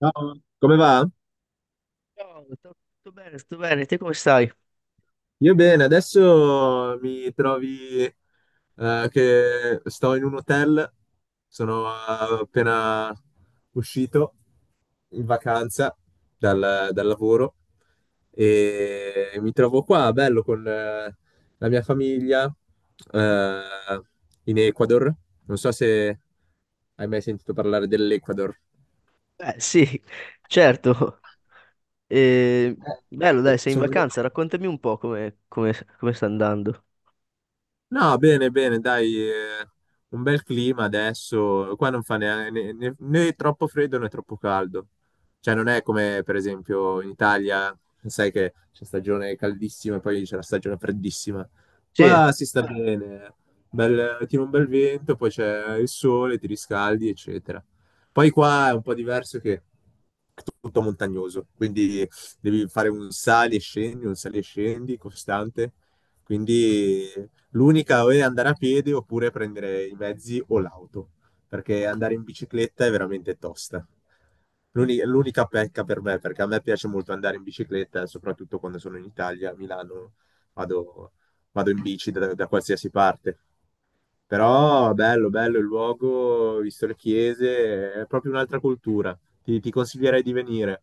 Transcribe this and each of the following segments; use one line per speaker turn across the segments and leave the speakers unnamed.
Ciao, come va?
Ciao, tutto bene, tutto bene, te come stai?
Io bene, adesso mi trovi che sto in un hotel, sono appena uscito in vacanza dal lavoro e mi trovo qua, bello, con la mia famiglia, eh, in Ecuador. Non so se hai mai sentito parlare dell'Ecuador.
Beh, sì, certo. Eh, Bello, dai, sei in
Sono... venuto.
vacanza, raccontami un po' come sta andando.
No, bene, bene, dai, un bel clima adesso. Qua non fa né troppo freddo né troppo caldo. Cioè, non è come per esempio in Italia, sai che c'è stagione caldissima e poi c'è la stagione freddissima.
Sì,
Qua si sta bene, bel, tira un bel vento, poi c'è il sole, ti riscaldi, eccetera. Poi qua è un po' diverso che è tutto montagnoso, quindi devi fare un sali e scendi, un sali e scendi costante. Quindi l'unica o è andare a piedi oppure prendere i mezzi o l'auto, perché andare in bicicletta è veramente tosta. L'unica pecca per me, perché a me piace molto andare in bicicletta, soprattutto quando sono in Italia, a Milano, vado, vado in bici da qualsiasi parte. Però bello, bello il luogo, visto le chiese, è proprio un'altra cultura. Ti consiglierei di venire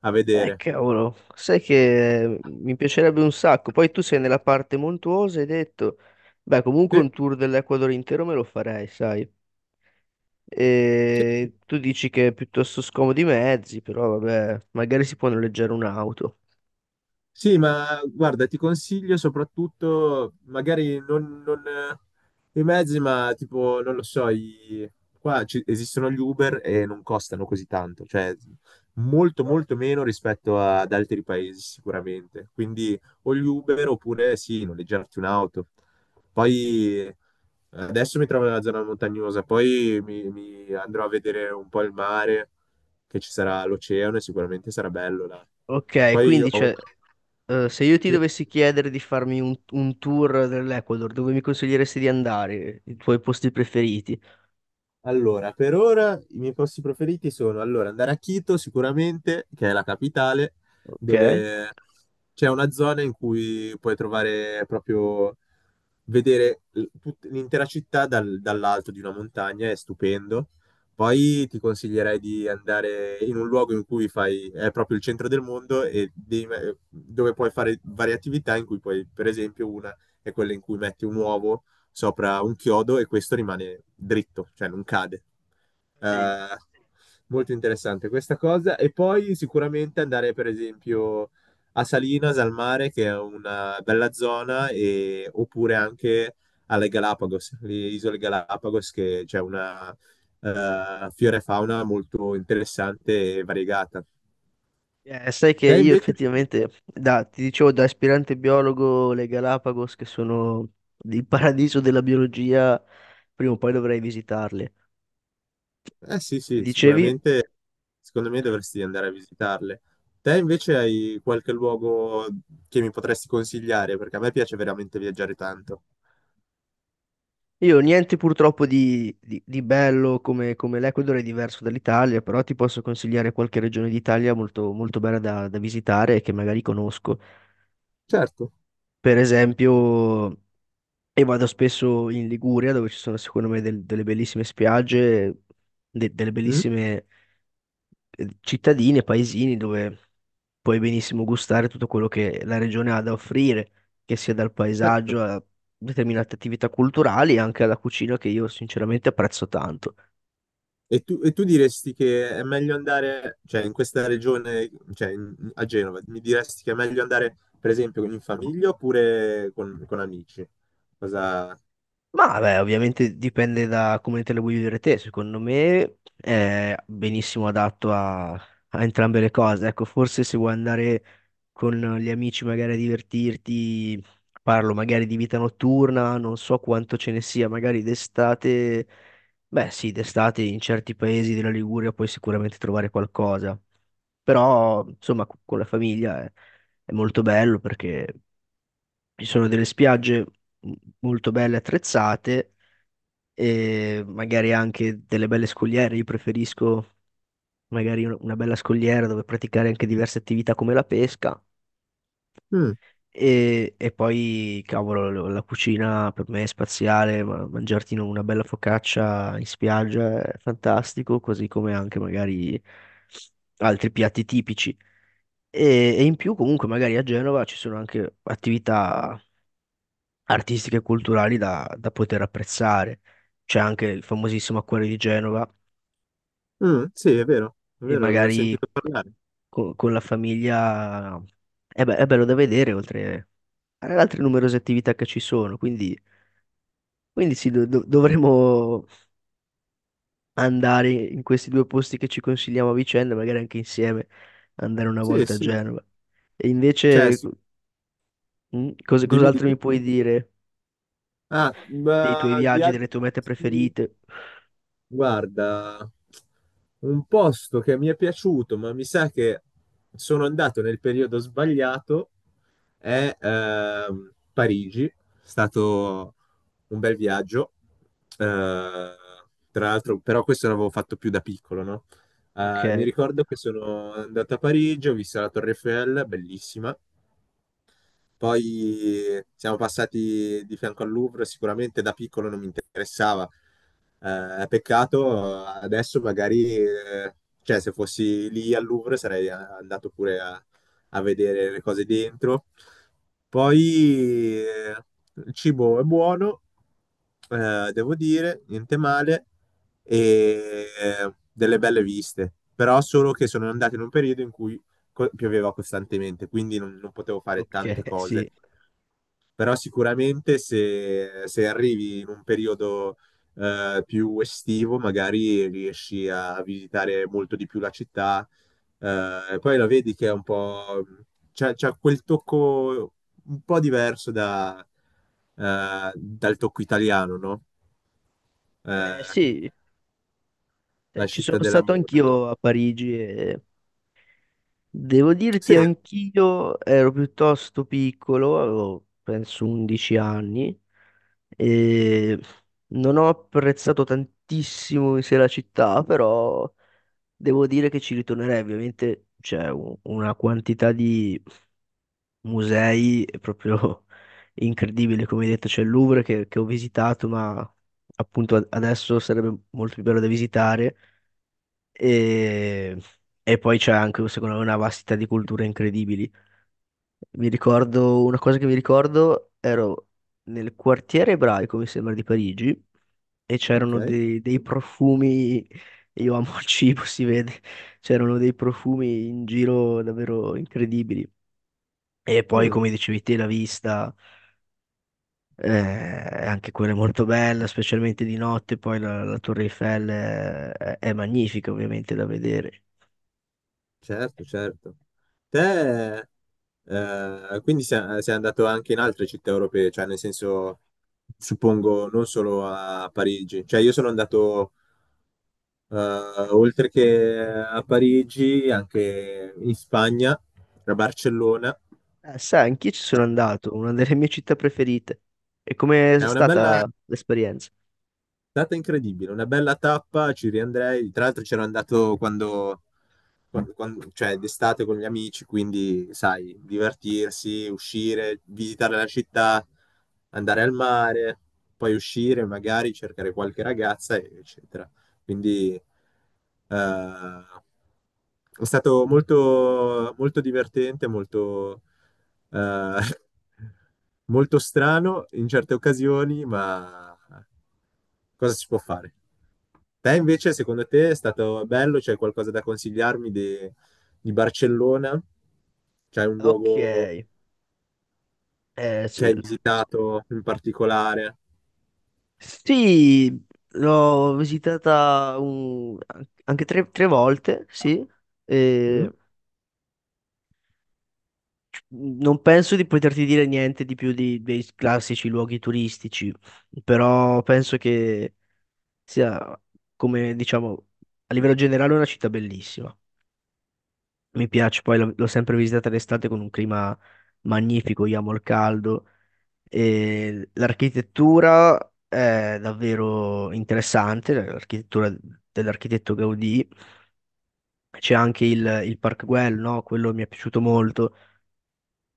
a vedere.
cavolo, sai che mi piacerebbe un sacco. Poi tu sei nella parte montuosa, hai detto, beh, comunque
Sì.
un tour dell'Ecuador intero me lo farei, sai.
Sì,
E tu dici che è piuttosto scomodo i mezzi, però vabbè, magari si può noleggiare un'auto.
Sì, ma guarda, ti consiglio soprattutto, magari non, non, i mezzi, ma tipo, non lo so, qua esistono gli Uber e non costano così tanto, cioè molto molto meno rispetto ad altri paesi sicuramente. Quindi o gli Uber oppure sì, noleggiarti un'auto. Poi adesso mi trovo nella zona montagnosa, poi mi andrò a vedere un po' il mare, che ci sarà l'oceano e sicuramente sarà bello là.
Ok,
Poi ho
quindi
un-
c'è. Se io ti
sì.
dovessi chiedere di farmi un tour dell'Ecuador, dove mi consiglieresti di andare? I tuoi posti preferiti?
Allora, per ora i miei posti preferiti sono allora, andare a Quito sicuramente, che è la capitale,
Ok.
dove c'è una zona in cui puoi trovare proprio, vedere l'intera città dall'alto di una montagna, è stupendo. Poi ti consiglierei di andare in un luogo in cui fai, è proprio il centro del mondo e devi dove puoi fare varie attività in cui puoi, per esempio, una è quella in cui metti un uovo sopra un chiodo e questo rimane dritto, cioè non cade.
Sì.
Eh, molto interessante questa cosa. E poi sicuramente andare, per esempio, a Salinas, al mare, che è una bella zona, oppure anche alle Galapagos, le isole Galapagos, che c'è una, fiore fauna molto interessante e variegata.
Sai che
Te
io
invece?
effettivamente, ti dicevo, da aspirante biologo, le Galapagos, che sono il paradiso della biologia, prima o poi dovrei visitarle.
Eh sì,
Mi
sì,
dicevi,
sicuramente secondo me dovresti andare a visitarle. Te invece hai qualche luogo che mi potresti consigliare? Perché a me piace veramente viaggiare tanto.
io niente purtroppo di bello come, come l'Ecuador è diverso dall'Italia, però ti posso consigliare qualche regione d'Italia molto, molto bella da visitare e che magari conosco.
Certo.
Per esempio, e vado spesso in Liguria, dove ci sono secondo me delle bellissime spiagge, delle
Mm?
bellissime cittadine, paesini dove puoi benissimo gustare tutto quello che la regione ha da offrire, che sia dal
Certo.
paesaggio a determinate attività culturali e anche alla cucina che io sinceramente apprezzo tanto.
E tu diresti che è meglio andare, cioè in questa regione, cioè a Genova, mi diresti che è meglio andare per esempio in famiglia oppure con amici? Cosa...
Ma beh, ovviamente dipende da come te le vuoi vivere te. Secondo me è benissimo adatto a entrambe le cose. Ecco, forse se vuoi andare con gli amici magari a divertirti, parlo magari di vita notturna, non so quanto ce ne sia, magari d'estate, beh sì, d'estate in certi paesi della Liguria puoi sicuramente trovare qualcosa. Però, insomma, con la famiglia è molto bello perché ci sono delle spiagge m- molto belle attrezzate e magari anche delle belle scogliere. Io preferisco magari una bella scogliera dove praticare anche diverse attività come la pesca.
Mm,
E poi, cavolo, la cucina per me è spaziale, ma mangiarti una bella focaccia in spiaggia è fantastico, così come anche magari altri piatti tipici. E in più, comunque, magari a Genova ci sono anche attività artistiche e culturali da poter apprezzare. C'è anche il famosissimo Acquario di Genova,
mm, sì, è
e
vero, ne ho
magari
sentito parlare.
con la famiglia è, è bello da vedere, oltre alle altre numerose attività che ci sono. Quindi, quindi sì, dovremmo andare in questi due posti che ci consigliamo a vicenda, magari anche insieme, andare una
Sì,
volta a
sì.
Genova. E
Cioè,
invece,
sì,
mm,
dimmi,
cos'altro
dimmi.
mi puoi dire
Ah,
dei tuoi
ma di
viaggi,
altri
delle tue mete
posti,
preferite?
guarda, un posto che mi è piaciuto, ma mi sa che sono andato nel periodo sbagliato, è Parigi. È stato un bel viaggio. Eh, tra l'altro, però questo l'avevo fatto più da piccolo, no?
Ok,
Mi ricordo che sono andato a Parigi, ho visto la Torre Eiffel, bellissima. Poi siamo passati di fianco al Louvre, sicuramente da piccolo non mi interessava. Peccato, adesso magari, cioè se fossi lì al Louvre sarei andato pure a vedere le cose dentro. Poi il cibo è buono, devo dire, niente male, e delle belle viste, però solo che sono andato in un periodo in cui pioveva costantemente, quindi non potevo fare
ok,
tante cose.
sì.
Però sicuramente se arrivi in un periodo più estivo, magari riesci a visitare molto di più la città. E poi la vedi che è un po'... c'ha quel tocco un po' diverso dal tocco italiano, no? Eh,
Sì, sai,
la
ci sono
città
stato
dell'amore.
anch'io a Parigi e devo
Sì,
dirti, anch'io ero piuttosto piccolo, avevo penso 11 anni, e non ho apprezzato tantissimo in sé la città, però devo dire che ci ritornerei. Ovviamente c'è una quantità di musei proprio incredibile, come hai detto, c'è il Louvre che ho visitato, ma appunto adesso sarebbe molto più bello da visitare, e, e poi c'è anche secondo me una vastità di culture incredibili. Mi ricordo una cosa che mi ricordo, ero nel quartiere ebraico, mi sembra, di Parigi, e c'erano
ok.
dei profumi, io amo il cibo, si vede, c'erano dei profumi in giro davvero incredibili. E poi,
Mm,
come dicevi te, la vista, eh, anche quella è molto bella, specialmente di notte, poi la Torre Eiffel è magnifica ovviamente da vedere.
certo, certo. Te quindi sei, sei andato anche in altre città europee, cioè nel senso, suppongo, non solo a Parigi. Cioè io sono andato eh, oltre che a Parigi, anche in Spagna, a Barcellona.
Sai, anch'io ci sono andato, una delle mie città preferite. E com'è
È una bella,
stata l'esperienza?
È stata incredibile, una bella tappa, ci riandrei. Tra l'altro c'ero andato cioè d'estate con gli amici, quindi sai, divertirsi, uscire, visitare la città, andare al mare, poi uscire, magari cercare qualche ragazza, eccetera. Quindi è stato molto, molto divertente, molto, eh, molto strano in certe occasioni, ma cosa si può fare? Te invece, secondo te, è stato bello? C'è qualcosa da consigliarmi di Barcellona? C'è un
Ok,
luogo
s-
che hai visitato in particolare?
sì, l'ho visitata anche tre, tre volte, sì,
Mm?
e non penso di poterti dire niente di più dei classici luoghi turistici, però penso che sia, come diciamo, a livello generale una città bellissima. Mi piace, poi l'ho sempre visitata d'estate con un clima magnifico, io amo il caldo. E l'architettura è davvero interessante, l'architettura dell'architetto Gaudì. C'è anche il Park Güell, no? Quello mi è piaciuto molto,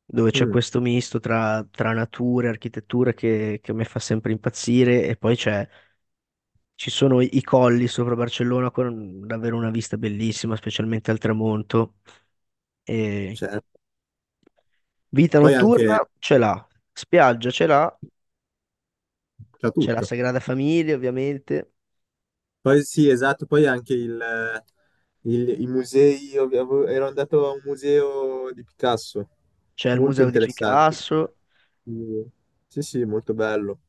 dove c'è
Mm,
questo misto tra natura e architettura che a me fa sempre impazzire. E poi c'è, ci sono i colli sopra Barcellona con davvero una vista bellissima, specialmente al tramonto. E
certo.
vita
Poi anche
notturna ce l'ha, spiaggia ce l'ha,
c'è
c'è la
tutto.
Sagrada Famiglia ovviamente.
Poi sì, esatto, poi anche i musei, io ero andato a un museo di Picasso,
C'è il
molto
museo di
interessante.
Picasso
Sì, sì, sì, molto bello.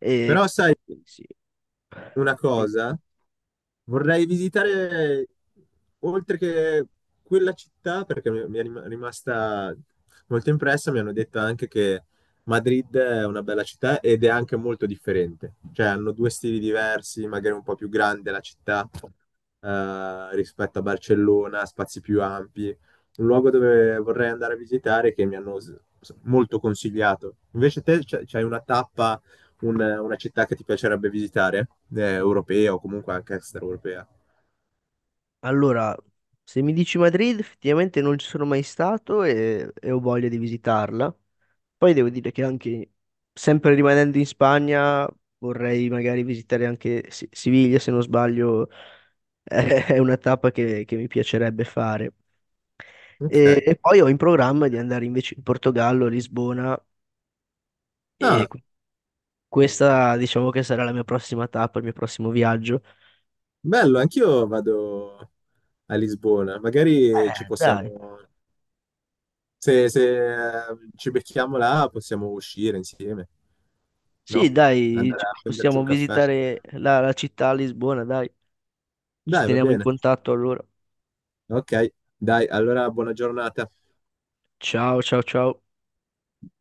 e
Però sai,
quindi sì.
una
Sì.
cosa. Vorrei visitare, oltre che quella città, perché mi è rimasta molto impressa, mi hanno detto anche che Madrid è una bella città ed è anche molto differente. Cioè hanno due stili diversi, magari un po' più grande la città, rispetto a Barcellona, spazi più ampi. Un luogo dove vorrei andare a visitare che mi hanno molto consigliato. Invece te c'hai una tappa una città che ti piacerebbe visitare, europea o comunque anche extraeuropea.
Allora, se mi dici Madrid, effettivamente non ci sono mai stato e ho voglia di visitarla. Poi devo dire che anche, sempre rimanendo in Spagna, vorrei magari visitare anche Siviglia, se non sbaglio, è una tappa che mi piacerebbe fare.
Ok.
E poi ho in programma di andare invece in Portogallo, Lisbona, e
Ah,
questa diciamo che sarà la mia prossima tappa, il mio prossimo viaggio.
bello, anch'io vado a Lisbona. Magari ci possiamo,
Dai.
se, ci becchiamo là, possiamo uscire insieme,
Sì,
no?
dai,
Andare
ci-
a prenderci un
possiamo
caffè.
visitare la città a Lisbona, dai. Ci
Dai, va
teniamo in
bene.
contatto allora.
Ok, dai, allora buona giornata.
Ciao, ciao, ciao.